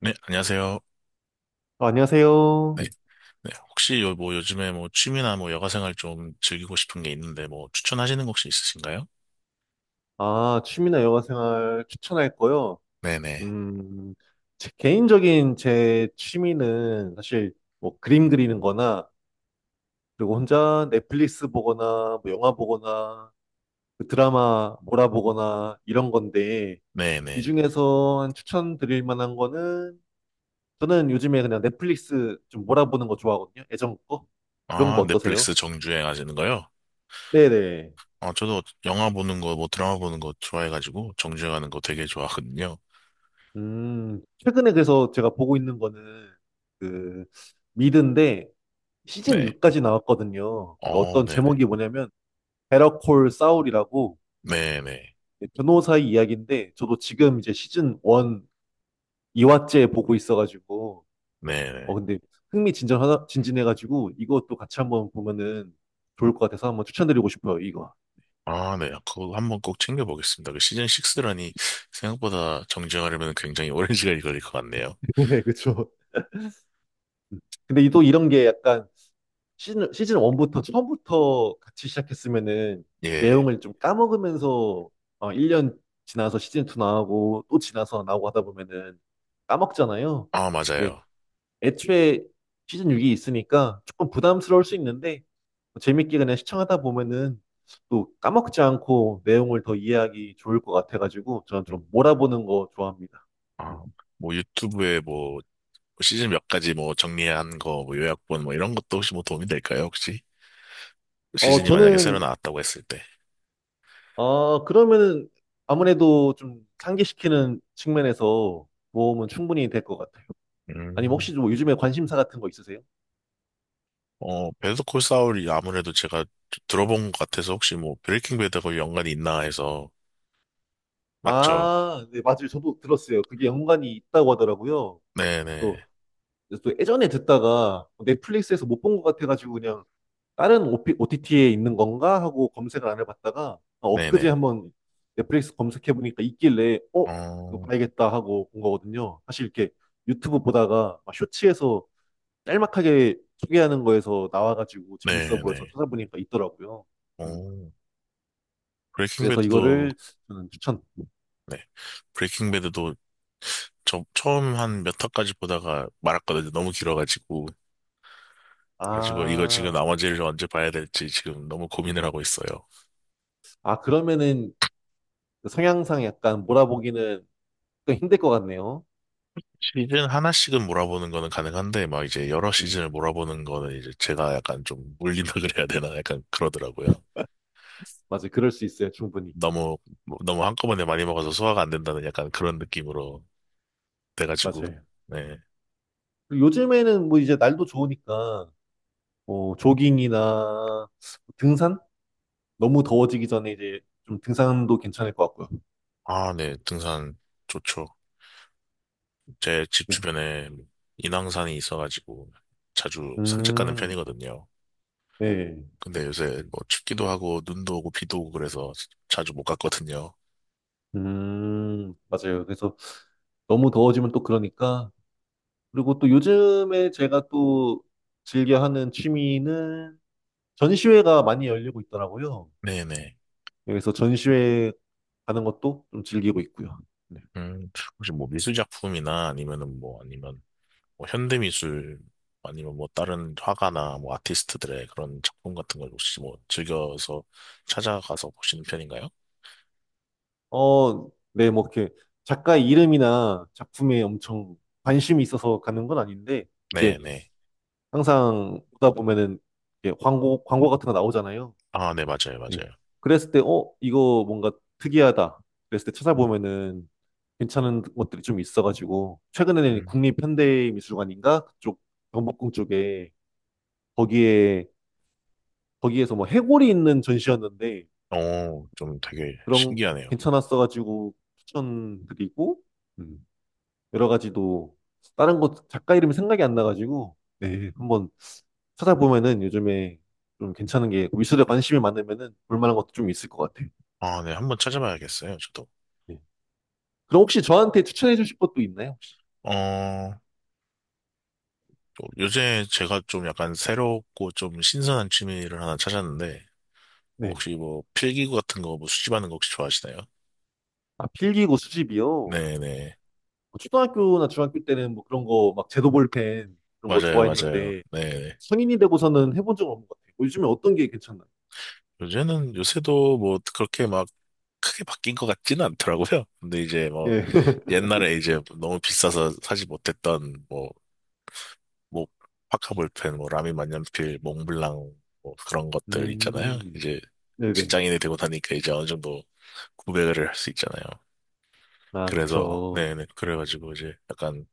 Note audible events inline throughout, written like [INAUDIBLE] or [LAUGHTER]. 네, 안녕하세요. 아, 안녕하세요. 네, 네. 혹시 요, 뭐 요즘에 뭐 취미나 뭐 여가 생활 좀 즐기고 싶은 게 있는데 뭐 추천하시는 거 혹시 있으신가요? 아, 취미나 여가 생활 추천할 거요. 네네. 음, 제 개인적인 제 취미는 사실 뭐 그림 그리는 거나 그리고 혼자 넷플릭스 보거나 뭐 영화 보거나 그 드라마 몰아보거나 이런 건데 이 네네. 중에서 한 추천드릴 만한 거는 저는 요즘에 그냥 넷플릭스 좀 몰아보는 거 좋아하거든요. 예전 거. 그런 거 아, 어떠세요? 넷플릭스 정주행 하시는 거요? 네네. 아, 저도 영화 보는 거, 뭐 드라마 보는 거 좋아해가지고 정주행하는 거 되게 좋아하거든요. 최근에 그래서 제가 보고 있는 거는 그 미드인데 시즌 네. 6까지 나왔거든요. 그 어, 어떤 네네. 제목이 뭐냐면 베러콜 사울이라고 네네. 변호사의 이야기인데 저도 지금 이제 시즌 1 2화째 보고 있어가지고 네네. 근데 흥미진진하다 진진해가지고 이것도 같이 한번 보면은 좋을 것 같아서 한번 추천드리고 싶어요, 이거. 아, 네. 그거 한번 꼭 챙겨보겠습니다. 그 시즌 6라니 생각보다 정주행하려면 굉장히 오랜 [LAUGHS] 시간이 걸릴 것 같네요. [LAUGHS] 네, 그쵸. 근데 또 이런 게 약간 시즌 1부터 처음부터 같이 시작했으면은 예. 내용을 좀 까먹으면서 1년 지나서 시즌 2 나오고 또 지나서 나오고 하다 보면은 까먹잖아요. 아, 네. 맞아요. 애초에 시즌 6이 있으니까 조금 부담스러울 수 있는데 뭐 재밌게 그냥 시청하다 보면은 또 까먹지 않고 내용을 더 이해하기 좋을 것 같아가지고 저는 좀 음. 몰아보는 거 좋아합니다. 음. 아, 뭐 유튜브에 뭐 시즌 몇 가지 뭐 정리한 거, 뭐 요약본 뭐 이런 것도 혹시 뭐 도움이 될까요, 혹시? 시즌이 만약에 새로 저는 나왔다고 했을 때. 아, 그러면은 아무래도 좀 상기시키는 측면에서 모험은 충분히 될 것 같아요. 아니면 음. 혹시 뭐 요즘에 관심사 같은 거 있으세요? 어, 베터 콜 사울이 아무래도 제가 들어본 것 같아서 혹시 뭐 브레이킹 배드하고 연관이 있나 해서. 맞죠? 아, 네, 맞아요. 저도 들었어요. 그게 연관이 있다고 하더라고요. 또, 네네. 또 예전에 듣다가 넷플릭스에서 못 본 것 같아가지고 그냥 다른 OTT에 있는 건가 하고 검색을 안 해봤다가 엊그제 네네. 한번 넷플릭스 검색해보니까 있길래 어? 이거 어, 봐야겠다 하고 본 거거든요. 사실 이렇게 유튜브 보다가 막 쇼츠에서 짤막하게 소개하는 거에서 나와가지고 재밌어 보여서 네네. 찾아보니까 있더라고요. 음, 어, 브레이킹 그래서 배드도, 이거를 저는 추천. 네. 브레이킹 배드도 저 처음 한 몇 화까지 보다가 말았거든요. 너무 길어가지고. 그래가지고 이거 지금 아, 나머지를 언제 봐야 될지 지금 너무 고민을 하고 있어요. 아, 그러면은 그 성향상 약간 몰아보기는 좀 힘들 것 같네요. 시즌 하나씩은 몰아보는 거는 가능한데 막 이제 여러 음, 시즌을 몰아보는 거는 이제 제가 약간 좀 물린다 [LAUGHS] 그래야 되나 약간 그러더라고요. 맞아요. 그럴 수 있어요. 충분히. 너무 뭐, 너무 한꺼번에 많이 먹어서 소화가 안 된다는 약간 그런 느낌으로 돼가지고 맞아요. 네. 그리고 요즘에는 뭐 이제 날도 좋으니까 뭐 조깅이나 뭐 등산? 너무 더워지기 전에 이제 좀 등산도 괜찮을 것 같고요. 아, 네. 등산 좋죠. 제 집 네. 주변에 인왕산이 있어가지고 자주 산책 가는 음, 편이거든요. 네. 근데 요새 뭐 춥기도 하고 눈도 오고 비도 오고 그래서 자주 못 갔거든요. 맞아요. 그래서 너무 더워지면 또 그러니까. 그리고 또 요즘에 제가 또 즐겨 하는 취미는 전시회가 많이 열리고 있더라고요. 네네. 그래서 전시회 가는 것도 좀 즐기고 있고요. 네. 음, 혹시 뭐 미술작품이나 아니면은 뭐 아니면 뭐 현대미술 아니면 뭐 다른 화가나 뭐 아티스트들의 그런 작품 같은 걸 혹시 뭐 즐겨서 찾아가서 보시는 편인가요? 네, 뭐 이렇게 작가의 이름이나 작품에 엄청 관심이 있어서 가는 건 아닌데, 이제 네네. 항상 보다 보면은 이렇게 광고 같은 거 나오잖아요. 아, 네, 맞아요, 예. 맞아요. 그랬을 때, 이거 뭔가 특이하다. 그랬을 때 찾아보면은 괜찮은 것들이 좀 있어가지고, 최근에는 음. 국립현대미술관인가? 그쪽, 경복궁 쪽에, 거기에, 거기에서 뭐 해골이 있는 전시였는데, 어, 좀 되게 그런, 신기하네요. 괜찮았어가지고 추천드리고, 음, 여러 가지도, 다른 곳, 작가 이름이 생각이 안 나가지고, 네, 한번 찾아보면은 요즘에 좀 괜찮은 게, 미술에 관심이 많으면은 볼만한 것도 좀 있을 것 같아요. 아, 네, 한번 찾아봐야겠어요, 저도. 네. 그럼 혹시 저한테 추천해 주실 것도 있나요, 혹시? 어, 또 요새 제가 좀 약간 새롭고 좀 신선한 취미를 하나 찾았는데, 어, 네. 혹시 뭐 필기구 같은 거 뭐 수집하는 거 혹시 좋아하시나요? 아, 필기고 수집이요? 뭐 네네. 초등학교나 중학교 때는 뭐 그런 거, 막 제도 볼펜 그런 거 맞아요, 맞아요. 좋아했는데, 네네. 성인이 되고서는 해본 적은 없는 것 같아요. 뭐 요즘에 어떤 게 괜찮나요? 요새도 뭐 그렇게 막 크게 바뀐 것 같지는 않더라고요. 근데 이제 뭐 예. [LAUGHS] 옛날에 이제 너무 비싸서 사지 못했던 뭐, 뭐, 파카볼펜, 뭐, 라미 만년필, 몽블랑, 뭐 그런 것들 있잖아요. 음, 이제 네네. 직장인이 되고 다니까 이제 어느 정도 구매를 할 수 있잖아요. 아, 그래서, 그쵸. 네네. 그래가지고 이제 약간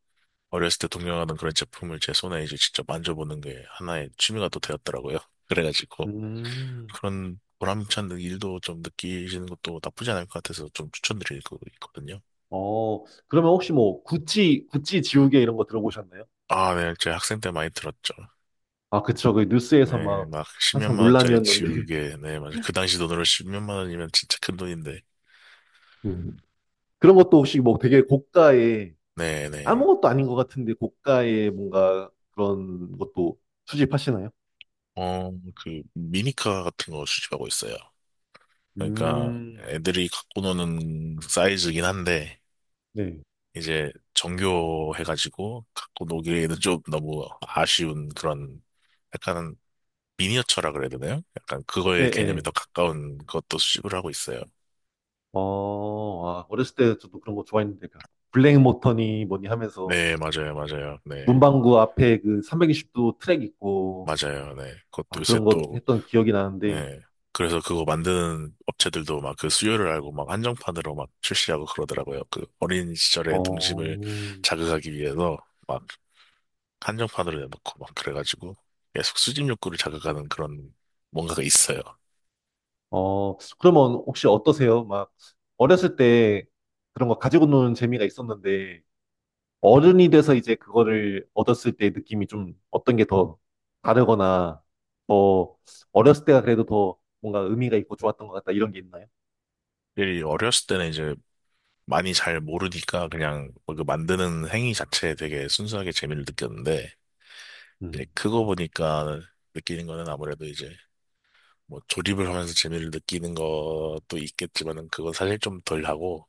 어렸을 때 동경하던 그런 제품을 제 손에 이제 직접 만져보는 게 하나의 취미가 또 되었더라고요. [LAUGHS] 그래가지고 음, 그런 보람찬 일도 좀 느끼시는 것도 나쁘지 않을 것 같아서 좀 추천드릴 거 있거든요. 그러면 혹시 뭐, 구찌 지우개 이런 거 들어보셨나요? 아, 네, 제 학생 때 많이 들었죠. 아, 그쵸. 그 뉴스에서 네, 막 막 항상 10몇만 원짜리 논란이었는데. [LAUGHS] 지우개, 네, 맞아요. 그 당시 돈으로 10몇만 원이면 진짜 큰 돈인데, 음. 그런 것도 혹시 뭐 되게 고가의 네, 네. 아무것도 아닌 것 같은데 고가의 뭔가 그런 것도 수집하시나요? 어, 그 미니카 같은 거 수집하고 있어요. 그러니까 음, 애들이 갖고 노는 사이즈긴 한데. 네. 이제 정교해가지고 갖고 노기에는 좀 너무 아쉬운 그런 약간 미니어처라 그래야 되나요? 약간 예, 그거의 개념이 예. 더 가까운 것도 수집을 하고 있어요. 어렸을 때 저도 그런 거 좋아했는데, 그 블랙 모터니 뭐니 하면서 네, 맞아요, 맞아요. 네, 문방구 앞에 그 320도 트랙 있고, 맞아요. 네. 그것도 아, 요새 그런 거 또, 했던 기억이 나는데, 네. 그래서 그거 만드는 업체들도 막 그 수요를 알고 막 한정판으로 막 출시하고 그러더라고요. 그 어린 시절의 어, 동심을 자극하기 위해서 막 한정판으로 내놓고 막 그래가지고 계속 수집 욕구를 자극하는 그런 뭔가가 있어요. 그러면 혹시 어떠세요? 막, 어렸을 때 그런 거 가지고 노는 재미가 있었는데, 어른이 돼서 이제 그거를 얻었을 때 느낌이 좀 어떤 게 더 다르거나 더 어렸을 때가 그래도 더 뭔가 의미가 있고 좋았던 것 같다 이런 게 있나요? 일이 어렸을 때는 이제 많이 잘 모르니까 그냥 뭐그 만드는 행위 자체에 되게 순수하게 재미를 느꼈는데 이제 음. 크고 보니까 느끼는 거는 아무래도 이제 뭐 조립을 하면서 재미를 느끼는 것도 있겠지만은 그건 사실 좀 덜 하고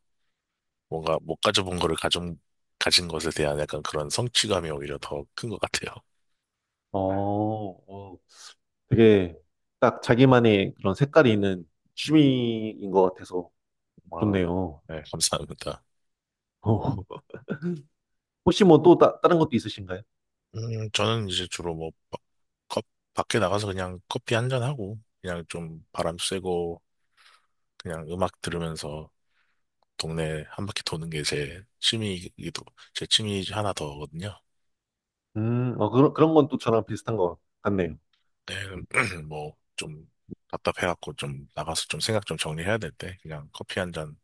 뭔가 못 가져본 거를 가져 가진 것에 대한 약간 그런 성취감이 오히려 더 큰 것 같아요. 어, 어, 되게 딱 자기만의 그런 색깔이 있는 취미인 것 같아서 좋네요. 아, 네, 감사합니다. 어, 혹시 뭐 또 다른 것도 있으신가요? 저는 이제 주로 뭐 컵- 밖에 나가서 그냥 커피 한 잔하고 그냥 좀 바람 쐬고 그냥 음악 들으면서 동네 한 바퀴 도는 게 제 취미 중 하나 더거든요. 그런 건 또 저랑 비슷한 것 같네요. 네, [CLEARS THROAT] 뭐, 좀 답답해갖고 좀 나가서 좀 생각 좀 정리해야 될 때 그냥 커피 한 잔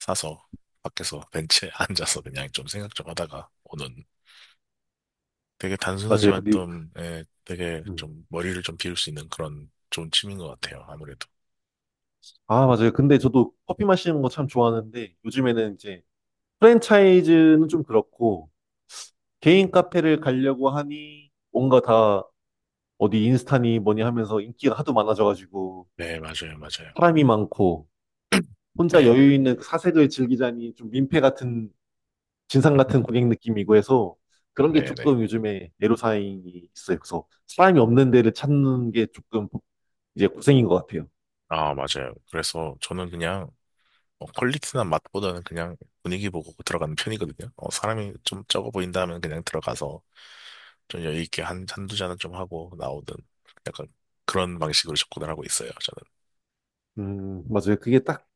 사서 밖에서 벤치에 [LAUGHS] 앉아서 그냥 좀 생각 좀 하다가 오는 되게 맞아요. 단순하지만 근데, 좀, 예, 되게 음. 좀 머리를 좀 비울 수 있는 그런 좋은 취미인 것 같아요. 아무래도. 아, 맞아요. 근데 저도 커피 마시는 거 참 좋아하는데 요즘에는 이제 프랜차이즈는 좀 그렇고, 개인 카페를 가려고 하니, 뭔가 다 어디 인스타니 뭐니 하면서 인기가 하도 많아져가지고, 네, 맞아요, 맞아요. 사람이 많고, 혼자 네, 네, 여유 있는 그 사색을 즐기자니 좀 민폐 같은, 진상 같은 고객 느낌이고 해서, 그런 게 네, 네. 조금 요즘에 애로사항이 있어요. 그래서 사람이 없는 데를 찾는 게 조금 이제 고생인 것 같아요. 아, 맞아요. 그래서 저는 그냥 어, 퀄리티나 맛보다는 그냥 분위기 보고 들어가는 편이거든요. 어, 사람이 좀 적어 보인다 하면 그냥 들어가서 좀 여유 있게 한두 잔은 좀 하고 나오든 약간 그런 방식으로 접근을 하고 있어요, 저는. 맞아요. 그게 딱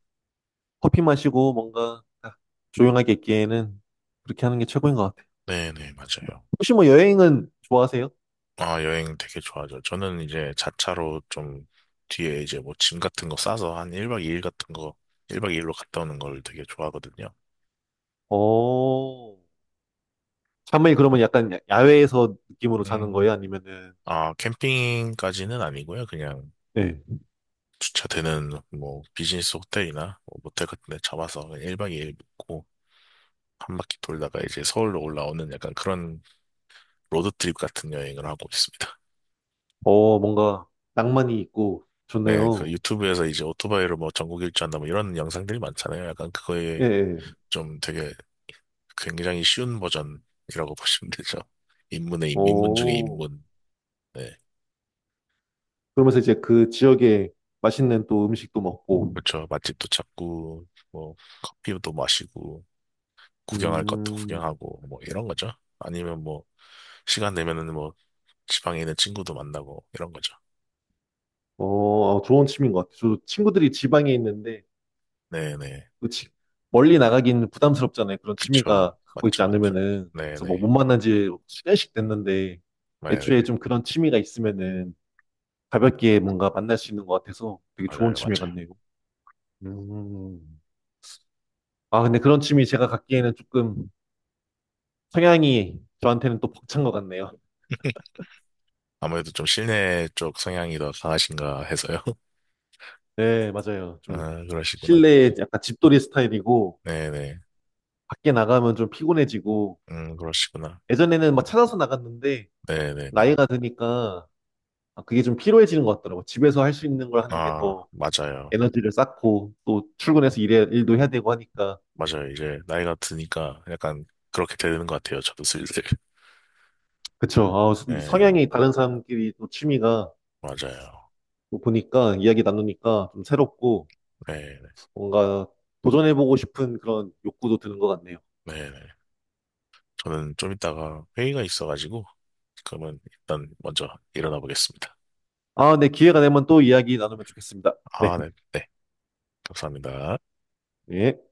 커피 마시고 뭔가 딱 조용하게 있기에는 그렇게 하는 게 최고인 것 같아요. 네네, 맞아요. 혹시 뭐 여행은 좋아하세요? 아, 여행 되게 좋아하죠. 저는 이제 자차로 좀 뒤에 이제 뭐 짐 같은 거 싸서 한 1박 2일 같은 거 1박 2일로 갔다 오는 걸 되게 좋아하거든요. 어, 샤머이 그러면 약간 야외에서 느낌으로 자는 음. 거예요? 아니면은, 아, 캠핑까지는 아니고요. 그냥 네. 주차되는 뭐 비즈니스 호텔이나 뭐 모텔 같은 데 잡아서 그냥 1박 2일 묵고 한 바퀴 돌다가 이제 서울로 올라오는 약간 그런 로드트립 같은 여행을 하고 있습니다. 뭔가 낭만이 있고 네, 그 좋네요. 유튜브에서 이제 오토바이로 뭐 전국 일주한다 뭐 이런 영상들이 많잖아요. 약간 그거에 예, 예. 좀 되게 굉장히 쉬운 버전이라고 [LAUGHS] 보시면 되죠. 입문 중에 오, 입문. 네. 그러면서 이제 그 지역에 맛있는 또 음식도 먹고, 그렇죠. 맛집도 찾고, 뭐, 커피도 마시고, 구경할 것도 음, 구경하고, 뭐, 이런 거죠. 아니면 뭐, 시간 내면은 뭐, 지방에 있는 친구도 만나고 이런 거죠. 좋은 취미인 것 같아요. 저도 친구들이 지방에 있는데, 네네. 그 지- 멀리 나가긴 부담스럽잖아요. 그런 그쵸. 취미가 갖고 맞죠, 있지 맞죠. 않으면은. 그래서 뭐 못 네네. 만난 지 시간씩 됐는데, 네네. 애초에 좀 그런 취미가 있으면은 가볍게 뭔가 만날 수 있는 것 같아서 되게 좋은 맞아요, 취미 맞아요. 같네요. 음. 아, 근데 그런 취미 제가 갖기에는 조금 성향이 저한테는 또 벅찬 것 같네요. [LAUGHS] 아무래도 좀 실내 쪽 성향이 더 강하신가 해서요. [LAUGHS] 네, 맞아요. 좀 아, 그러시구나. 실내에 약간 집돌이 스타일이고 네네. 밖에 나가면 좀 피곤해지고 그러시구나. 예전에는 막 찾아서 나갔는데 네네네. 나이가 드니까 아, 그게 좀 피로해지는 것 같더라고요. 집에서 할 수 있는 걸 하는 게 아, 더 맞아요. 에너지를 쌓고 또 출근해서 일도 해야 되고 하니까. 맞아요. 이제 나이가 드니까 약간 그렇게 되는 것 같아요. 저도 슬슬. [LAUGHS] 그쵸. 아, 이 네, 성향이 다른 사람끼리 또 취미가 맞아요. 뭐 보니까 이야기 나누니까 좀 새롭고 네네. 뭔가 도전해보고 싶은 그런 욕구도 드는 것 같네요. 네네. 저는 좀 이따가 회의가 있어가지고, 그러면 일단 먼저 일어나 보겠습니다. 아, 네, 기회가 되면 또 이야기 나누면 좋겠습니다. 네, 아, 네. 네. 감사합니다. 네.